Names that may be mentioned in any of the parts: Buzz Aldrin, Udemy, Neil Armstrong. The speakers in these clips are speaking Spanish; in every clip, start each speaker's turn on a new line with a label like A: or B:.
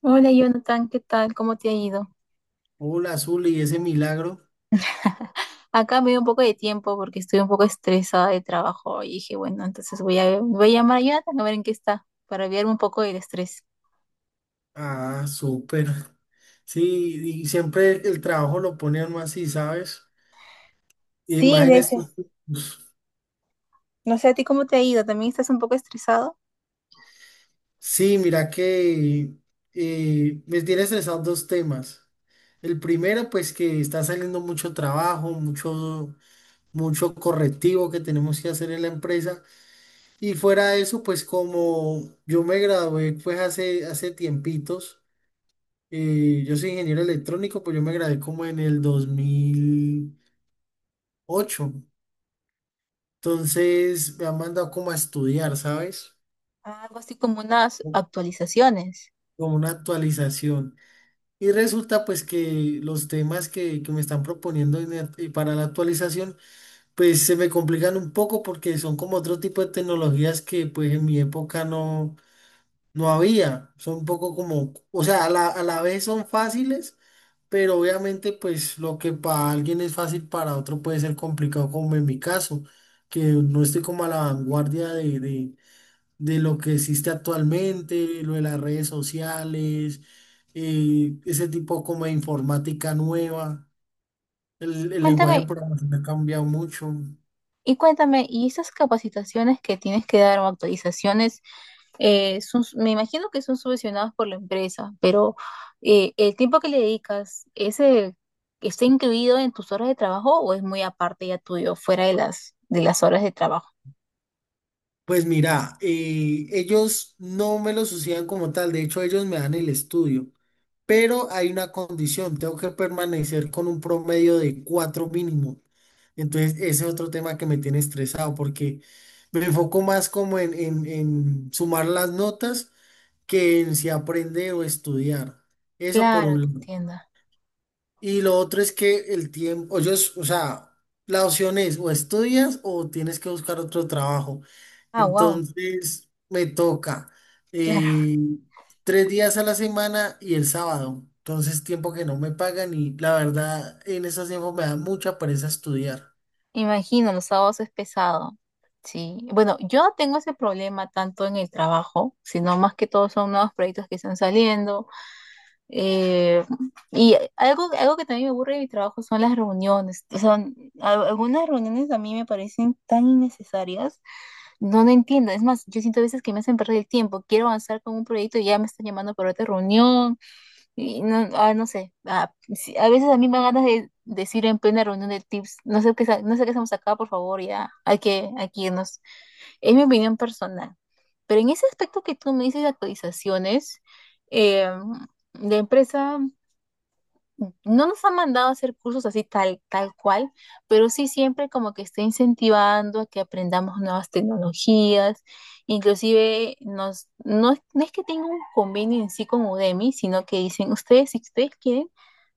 A: Hola Jonathan, ¿qué tal? ¿Cómo te ha ido?
B: Hola, Azul, y ese milagro.
A: Acá me dio un poco de tiempo porque estoy un poco estresada de trabajo y dije, bueno, entonces voy a llamar a Jonathan a ver en qué está para aliviarme un poco del estrés.
B: Ah, súper. Sí, y siempre el trabajo lo ponían más así, ¿sabes? Y
A: Sí,
B: más.
A: de hecho. No sé, ¿a ti cómo te ha ido? ¿También estás un poco estresado?
B: Sí, mira que me tiene estresado dos temas. El primero, pues que está saliendo mucho trabajo, mucho, mucho correctivo que tenemos que hacer en la empresa. Y fuera de eso, pues como yo me gradué pues hace tiempitos, yo soy ingeniero electrónico, pues yo me gradué como en el 2008. Entonces me han mandado como a estudiar, ¿sabes?
A: Algo así como unas
B: Co-
A: actualizaciones.
B: Como una actualización. Y resulta pues que los temas que me están proponiendo en el- y para la actualización pues se me complican un poco porque son como otro tipo de tecnologías que pues en mi época no había. Son un poco como, o sea, a la vez son fáciles, pero obviamente pues lo que para alguien es fácil para otro puede ser complicado como en mi caso, que no estoy como a la vanguardia de de lo que existe actualmente, lo de las redes sociales, ese tipo como de informática nueva. El
A: Cuéntame,
B: lenguaje de programación ha cambiado mucho.
A: y cuéntame, ¿y esas capacitaciones que tienes que dar o actualizaciones, son, me imagino que son subvencionadas por la empresa, pero el tiempo que le dedicas, ¿ese está incluido en tus horas de trabajo o es muy aparte ya tuyo, fuera de de las horas de trabajo?
B: Pues mira, ellos no me lo suceden como tal. De hecho, ellos me dan el estudio, pero hay una condición, tengo que permanecer con un promedio de cuatro mínimo. Entonces ese es otro tema que me tiene estresado porque me enfoco más como en sumar las notas que en si aprender o estudiar. Eso por
A: Claro,
B: un
A: te
B: lado.
A: entiendo.
B: Y lo otro es que el tiempo, yo, o sea, la opción es o estudias o tienes que buscar otro trabajo.
A: Ah, wow,
B: Entonces me toca,
A: claro.
B: eh, tres días a la semana y el sábado. Entonces tiempo que no me pagan, y la verdad en esos tiempos me da mucha pereza estudiar.
A: Imagino, los sábados es pesado. Sí, bueno, yo no tengo ese problema tanto en el trabajo, sino más que todo son nuevos proyectos que están saliendo. Eh, y algo que también me aburre de mi trabajo son las reuniones. O sea, algunas reuniones a mí me parecen tan innecesarias. No, no entiendo. Es más, yo siento a veces que me hacen perder el tiempo. Quiero avanzar con un proyecto y ya me están llamando para otra reunión. Y no, no sé, sí, a veces a mí me dan ganas de decir en plena reunión de tips, no sé qué, no sé qué hacemos acá, por favor, ya, hay que irnos. Es mi opinión personal. Pero en ese aspecto que tú me dices de actualizaciones, eh, la empresa no nos han mandado a hacer cursos así tal, tal cual, pero sí siempre como que está incentivando a que aprendamos nuevas tecnologías. Inclusive nos, no, no es que tenga un convenio en sí con Udemy, sino que dicen, ustedes, si ustedes quieren,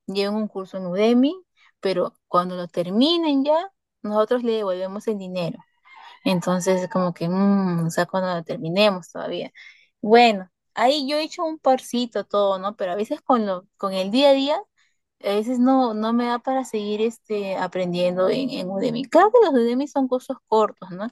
A: lleven un curso en Udemy, pero cuando lo terminen ya, nosotros le devolvemos el dinero. Entonces, como que, o sea, cuando lo terminemos todavía. Bueno, ahí yo he hecho un parcito todo, ¿no? Pero a veces con lo, con el día a día a veces no, no me da para seguir este, aprendiendo en Udemy. Claro que los Udemy son cursos cortos, ¿no?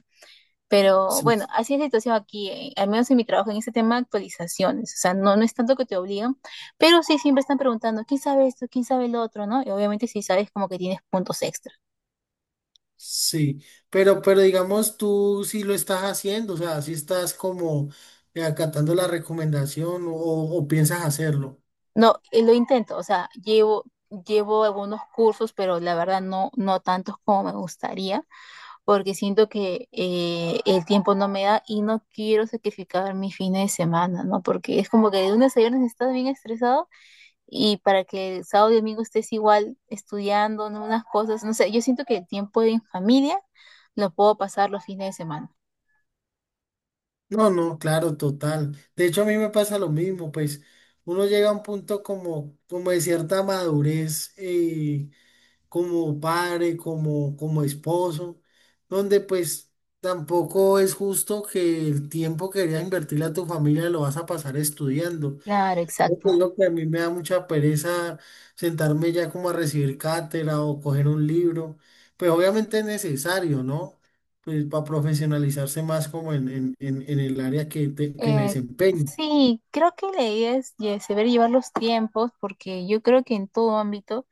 A: Pero
B: Sí,
A: bueno, así es la situación aquí, al menos en mi trabajo, en este tema de actualizaciones. O sea, no, no es tanto que te obligan, pero sí siempre están preguntando, ¿quién sabe esto? ¿Quién sabe lo otro? ¿No? Y obviamente si sabes como que tienes puntos extra.
B: sí, pero digamos tú sí lo estás haciendo, o sea, si estás como acatando la recomendación, o piensas hacerlo.
A: No, lo intento, o sea, llevo algunos cursos, pero la verdad no, no tantos como me gustaría, porque siento que el tiempo no me da y no quiero sacrificar mi fines de semana, ¿no? Porque es como que de lunes a viernes estás bien estresado y para que el sábado y domingo estés igual estudiando, ¿no? Unas cosas, no sé, yo siento que el tiempo en familia lo puedo pasar los fines de semana.
B: No, no, claro, total. De hecho, a mí me pasa lo mismo. Pues uno llega a un punto como, como de cierta madurez, como padre, como, como esposo, donde pues tampoco es justo que el tiempo que deberías invertirle a tu familia lo vas a pasar estudiando.
A: Claro,
B: Creo
A: exacto.
B: que es lo que a mí me da mucha pereza, sentarme ya como a recibir cátedra o coger un libro. Pues obviamente es necesario, ¿no? Pues para profesionalizarse más como en, en el área que, que me
A: Eh,
B: desempeño.
A: sí, creo que la idea es saber llevar los tiempos porque yo creo que en todo ámbito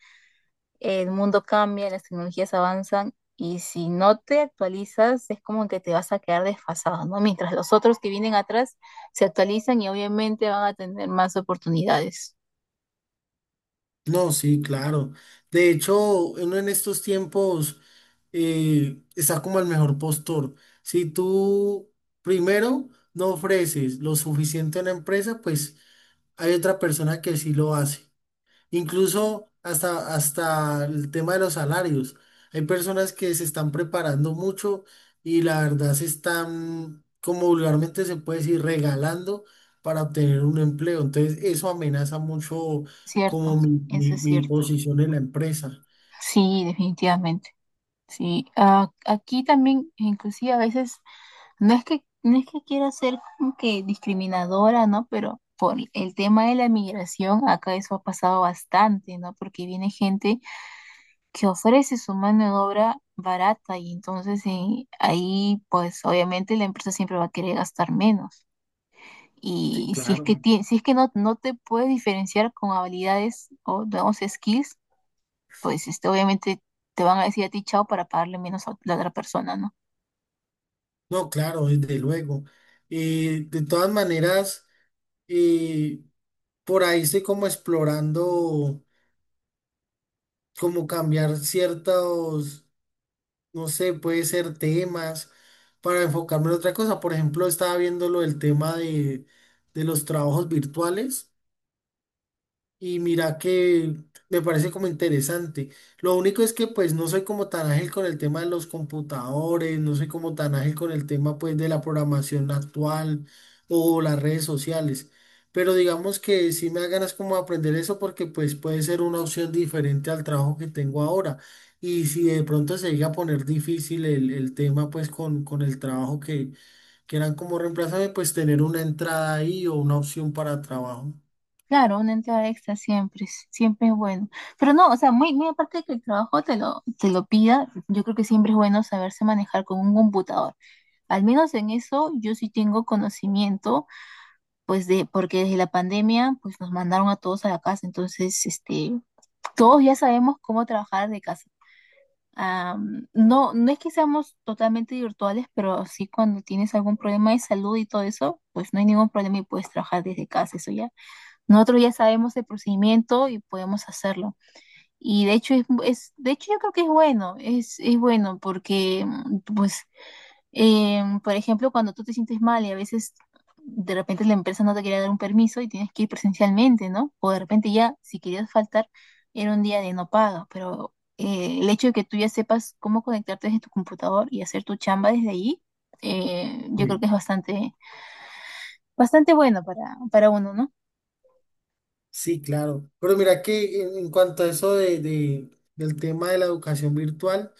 A: el mundo cambia, las tecnologías avanzan y si no te actualizas es como que te vas a quedar desfasado, ¿no? Mientras los otros que vienen atrás se actualizan y obviamente van a tener más oportunidades.
B: No, sí, claro. De hecho, uno en estos tiempos, está como el mejor postor. Si tú primero no ofreces lo suficiente a una empresa, pues hay otra persona que sí lo hace. Incluso hasta, hasta el tema de los salarios. Hay personas que se están preparando mucho, y la verdad se están, como vulgarmente se puede decir, regalando para obtener un empleo. Entonces eso amenaza mucho como
A: Cierto,
B: mi,
A: eso es
B: mi
A: cierto.
B: posición en la empresa.
A: Sí, definitivamente. Sí, ah, aquí también inclusive a veces no es que quiera ser como que discriminadora, ¿no? Pero por el tema de la migración acá eso ha pasado bastante, ¿no? Porque viene gente que ofrece su mano de obra barata y entonces ahí pues obviamente la empresa siempre va a querer gastar menos.
B: Sí,
A: Y si es
B: claro.
A: que, si es que no, no te puedes diferenciar con habilidades o digamos skills, pues este, obviamente te van a decir a ti chao para pagarle menos a la otra persona, ¿no?
B: No, claro, desde luego. De todas maneras, eh, por ahí estoy como explorando cómo cambiar ciertos, no sé, puede ser temas, para enfocarme en otra cosa. Por ejemplo, estaba viendo lo del tema de los trabajos virtuales. Y mira que me parece como interesante. Lo único es que pues no soy como tan ágil con el tema de los computadores, no soy como tan ágil con el tema pues de la programación actual o las redes sociales. Pero digamos que sí me da ganas como de aprender eso, porque pues puede ser una opción diferente al trabajo que tengo ahora. Y si de pronto se llega a poner difícil el tema, pues con el trabajo, que quieran como reemplazarme, pues tener una entrada ahí o una opción para trabajo.
A: Claro, una entrada extra siempre, siempre es bueno. Pero no, o sea, muy aparte de que el trabajo te lo pida, yo creo que siempre es bueno saberse manejar con un computador. Al menos en eso yo sí tengo conocimiento pues de, porque desde la pandemia, pues nos mandaron a todos a la casa, entonces, este, todos ya sabemos cómo trabajar de casa. No, no es que seamos totalmente virtuales, pero sí cuando tienes algún problema de salud y todo eso, pues no hay ningún problema y puedes trabajar desde casa, eso ya. Nosotros ya sabemos el procedimiento y podemos hacerlo. Y es de hecho yo creo que es bueno, es bueno porque pues por ejemplo, cuando tú te sientes mal y a veces de repente la empresa no te quería dar un permiso y tienes que ir presencialmente, ¿no? O de repente ya, si querías faltar, era un día de no paga, pero el hecho de que tú ya sepas cómo conectarte desde tu computador y hacer tu chamba desde ahí, yo creo que
B: Sí.
A: bastante bueno para uno, ¿no?
B: Sí, claro. Pero mira que en cuanto a eso del tema de la educación virtual,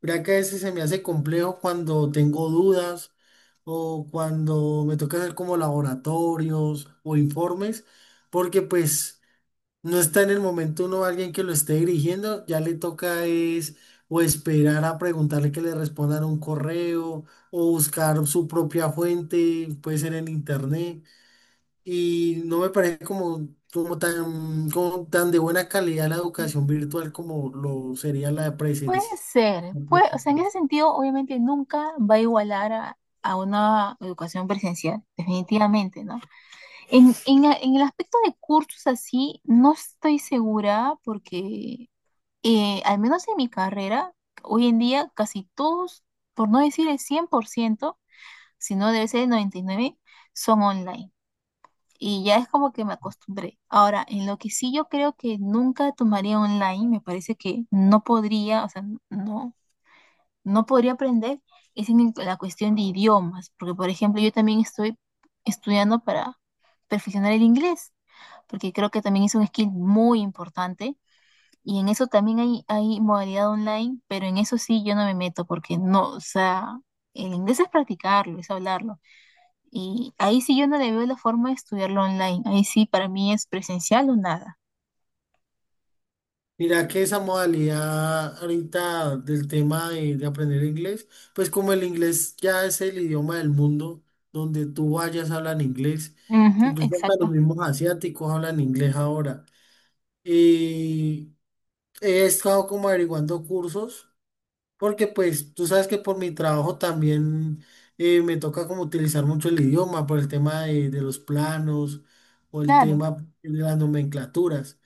B: mira que a veces se me hace complejo cuando tengo dudas o cuando me toca hacer como laboratorios o informes, porque pues no está en el momento uno alguien que lo esté dirigiendo, ya le toca es o esperar a preguntarle que le respondan un correo o buscar su propia fuente, puede ser en internet. Y no me parece como, como tan de buena calidad la educación
A: Mm,
B: virtual como lo sería la
A: puede
B: presencial.
A: ser, puede, o sea, en ese sentido, obviamente nunca va a igualar a una educación presencial, definitivamente, ¿no? En, en el aspecto de cursos así, no estoy segura porque al menos en mi carrera, hoy en día casi todos, por no decir el 100%, si no debe ser el 99%, son online. Y ya es como que me acostumbré. Ahora, en lo que sí yo creo que nunca tomaría online, me parece que no podría, o sea, no, no podría aprender, es en la cuestión de idiomas, porque por ejemplo yo también estoy estudiando para perfeccionar el inglés porque creo que también es un skill muy importante. Y en eso también hay modalidad online, pero en eso sí yo no me meto porque no, o sea, el inglés es practicarlo, es hablarlo. Y ahí sí yo no le veo la forma de estudiarlo online. Ahí sí para mí es presencial o nada.
B: Mira que esa modalidad ahorita del tema de aprender inglés, pues como el inglés ya es el idioma del mundo, donde tú vayas hablan inglés,
A: Ujú,
B: incluso hasta los
A: exacto.
B: mismos asiáticos hablan inglés ahora. Y he estado como averiguando cursos. Porque pues tú sabes que por mi trabajo también, me toca como utilizar mucho el idioma por el tema de los planos o el
A: Claro,
B: tema de las nomenclaturas.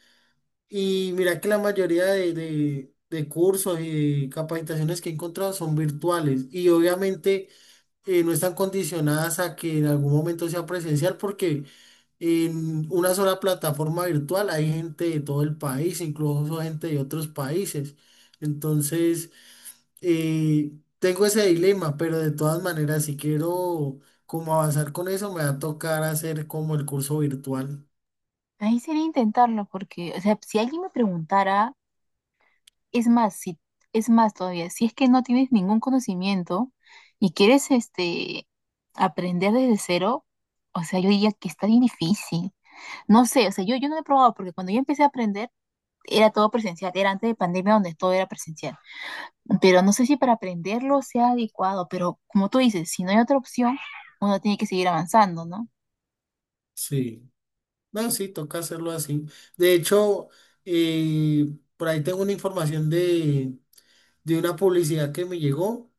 B: Y mira que la mayoría de, de cursos y de capacitaciones que he encontrado son virtuales y obviamente no están condicionadas a que en algún momento sea presencial, porque en una sola plataforma virtual hay gente de todo el país, incluso gente de otros países. Entonces... Y tengo ese dilema, pero de todas maneras, si quiero como avanzar con eso, me va a tocar hacer como el curso virtual.
A: ahí sería intentarlo porque, o sea, si alguien me preguntara, es más, si, es más todavía, si es que no tienes ningún conocimiento y quieres este aprender desde cero, o sea, yo diría que está bien difícil. No sé, o sea, yo no lo he probado porque cuando yo empecé a aprender era todo presencial, era antes de pandemia donde todo era presencial. Pero no sé si para aprenderlo sea adecuado, pero como tú dices, si no hay otra opción, uno tiene que seguir avanzando, ¿no?
B: Sí, no, sí, toca hacerlo así. De hecho, eh, por ahí tengo una información de una publicidad que me llegó.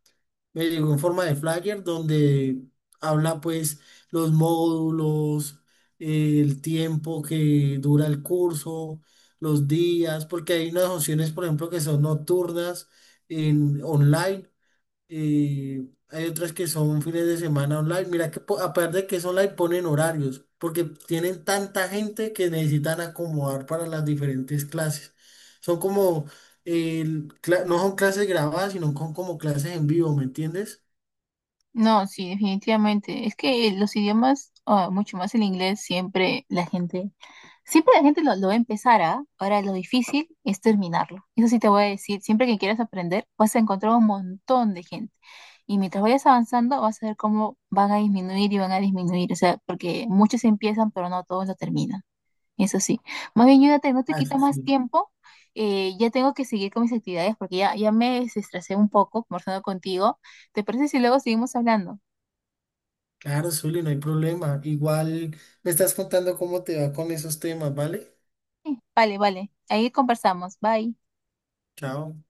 B: Me llegó en forma de flyer donde habla pues los módulos, el tiempo que dura el curso, los días, porque hay unas opciones, por ejemplo, que son nocturnas en online, y hay otras que son fines de semana online. Mira que aparte de que es online ponen horarios, porque tienen tanta gente que necesitan acomodar para las diferentes clases. Son como, eh, no son clases grabadas, sino son como clases en vivo, ¿me entiendes?
A: No, sí, definitivamente. Es que los idiomas, ah, mucho más el inglés, siempre la gente, siempre la gente lo va a empezar, ¿ah? Ahora lo difícil es terminarlo. Eso sí te voy a decir, siempre que quieras aprender, vas a encontrar un montón de gente. Y mientras vayas avanzando, vas a ver cómo van a disminuir y van a disminuir. O sea, porque muchos empiezan, pero no todos lo terminan. Eso sí. Más bien, Jonathan, no te
B: Ah,
A: quito
B: eso
A: más
B: sí.
A: tiempo. Ya tengo que seguir con mis actividades porque ya, ya me estresé un poco conversando contigo. ¿Te parece si luego seguimos hablando?
B: Claro, Zuli, no hay problema. Igual me estás contando cómo te va con esos temas, ¿vale?
A: Sí, vale, vale. Ahí conversamos. Bye.
B: Chao.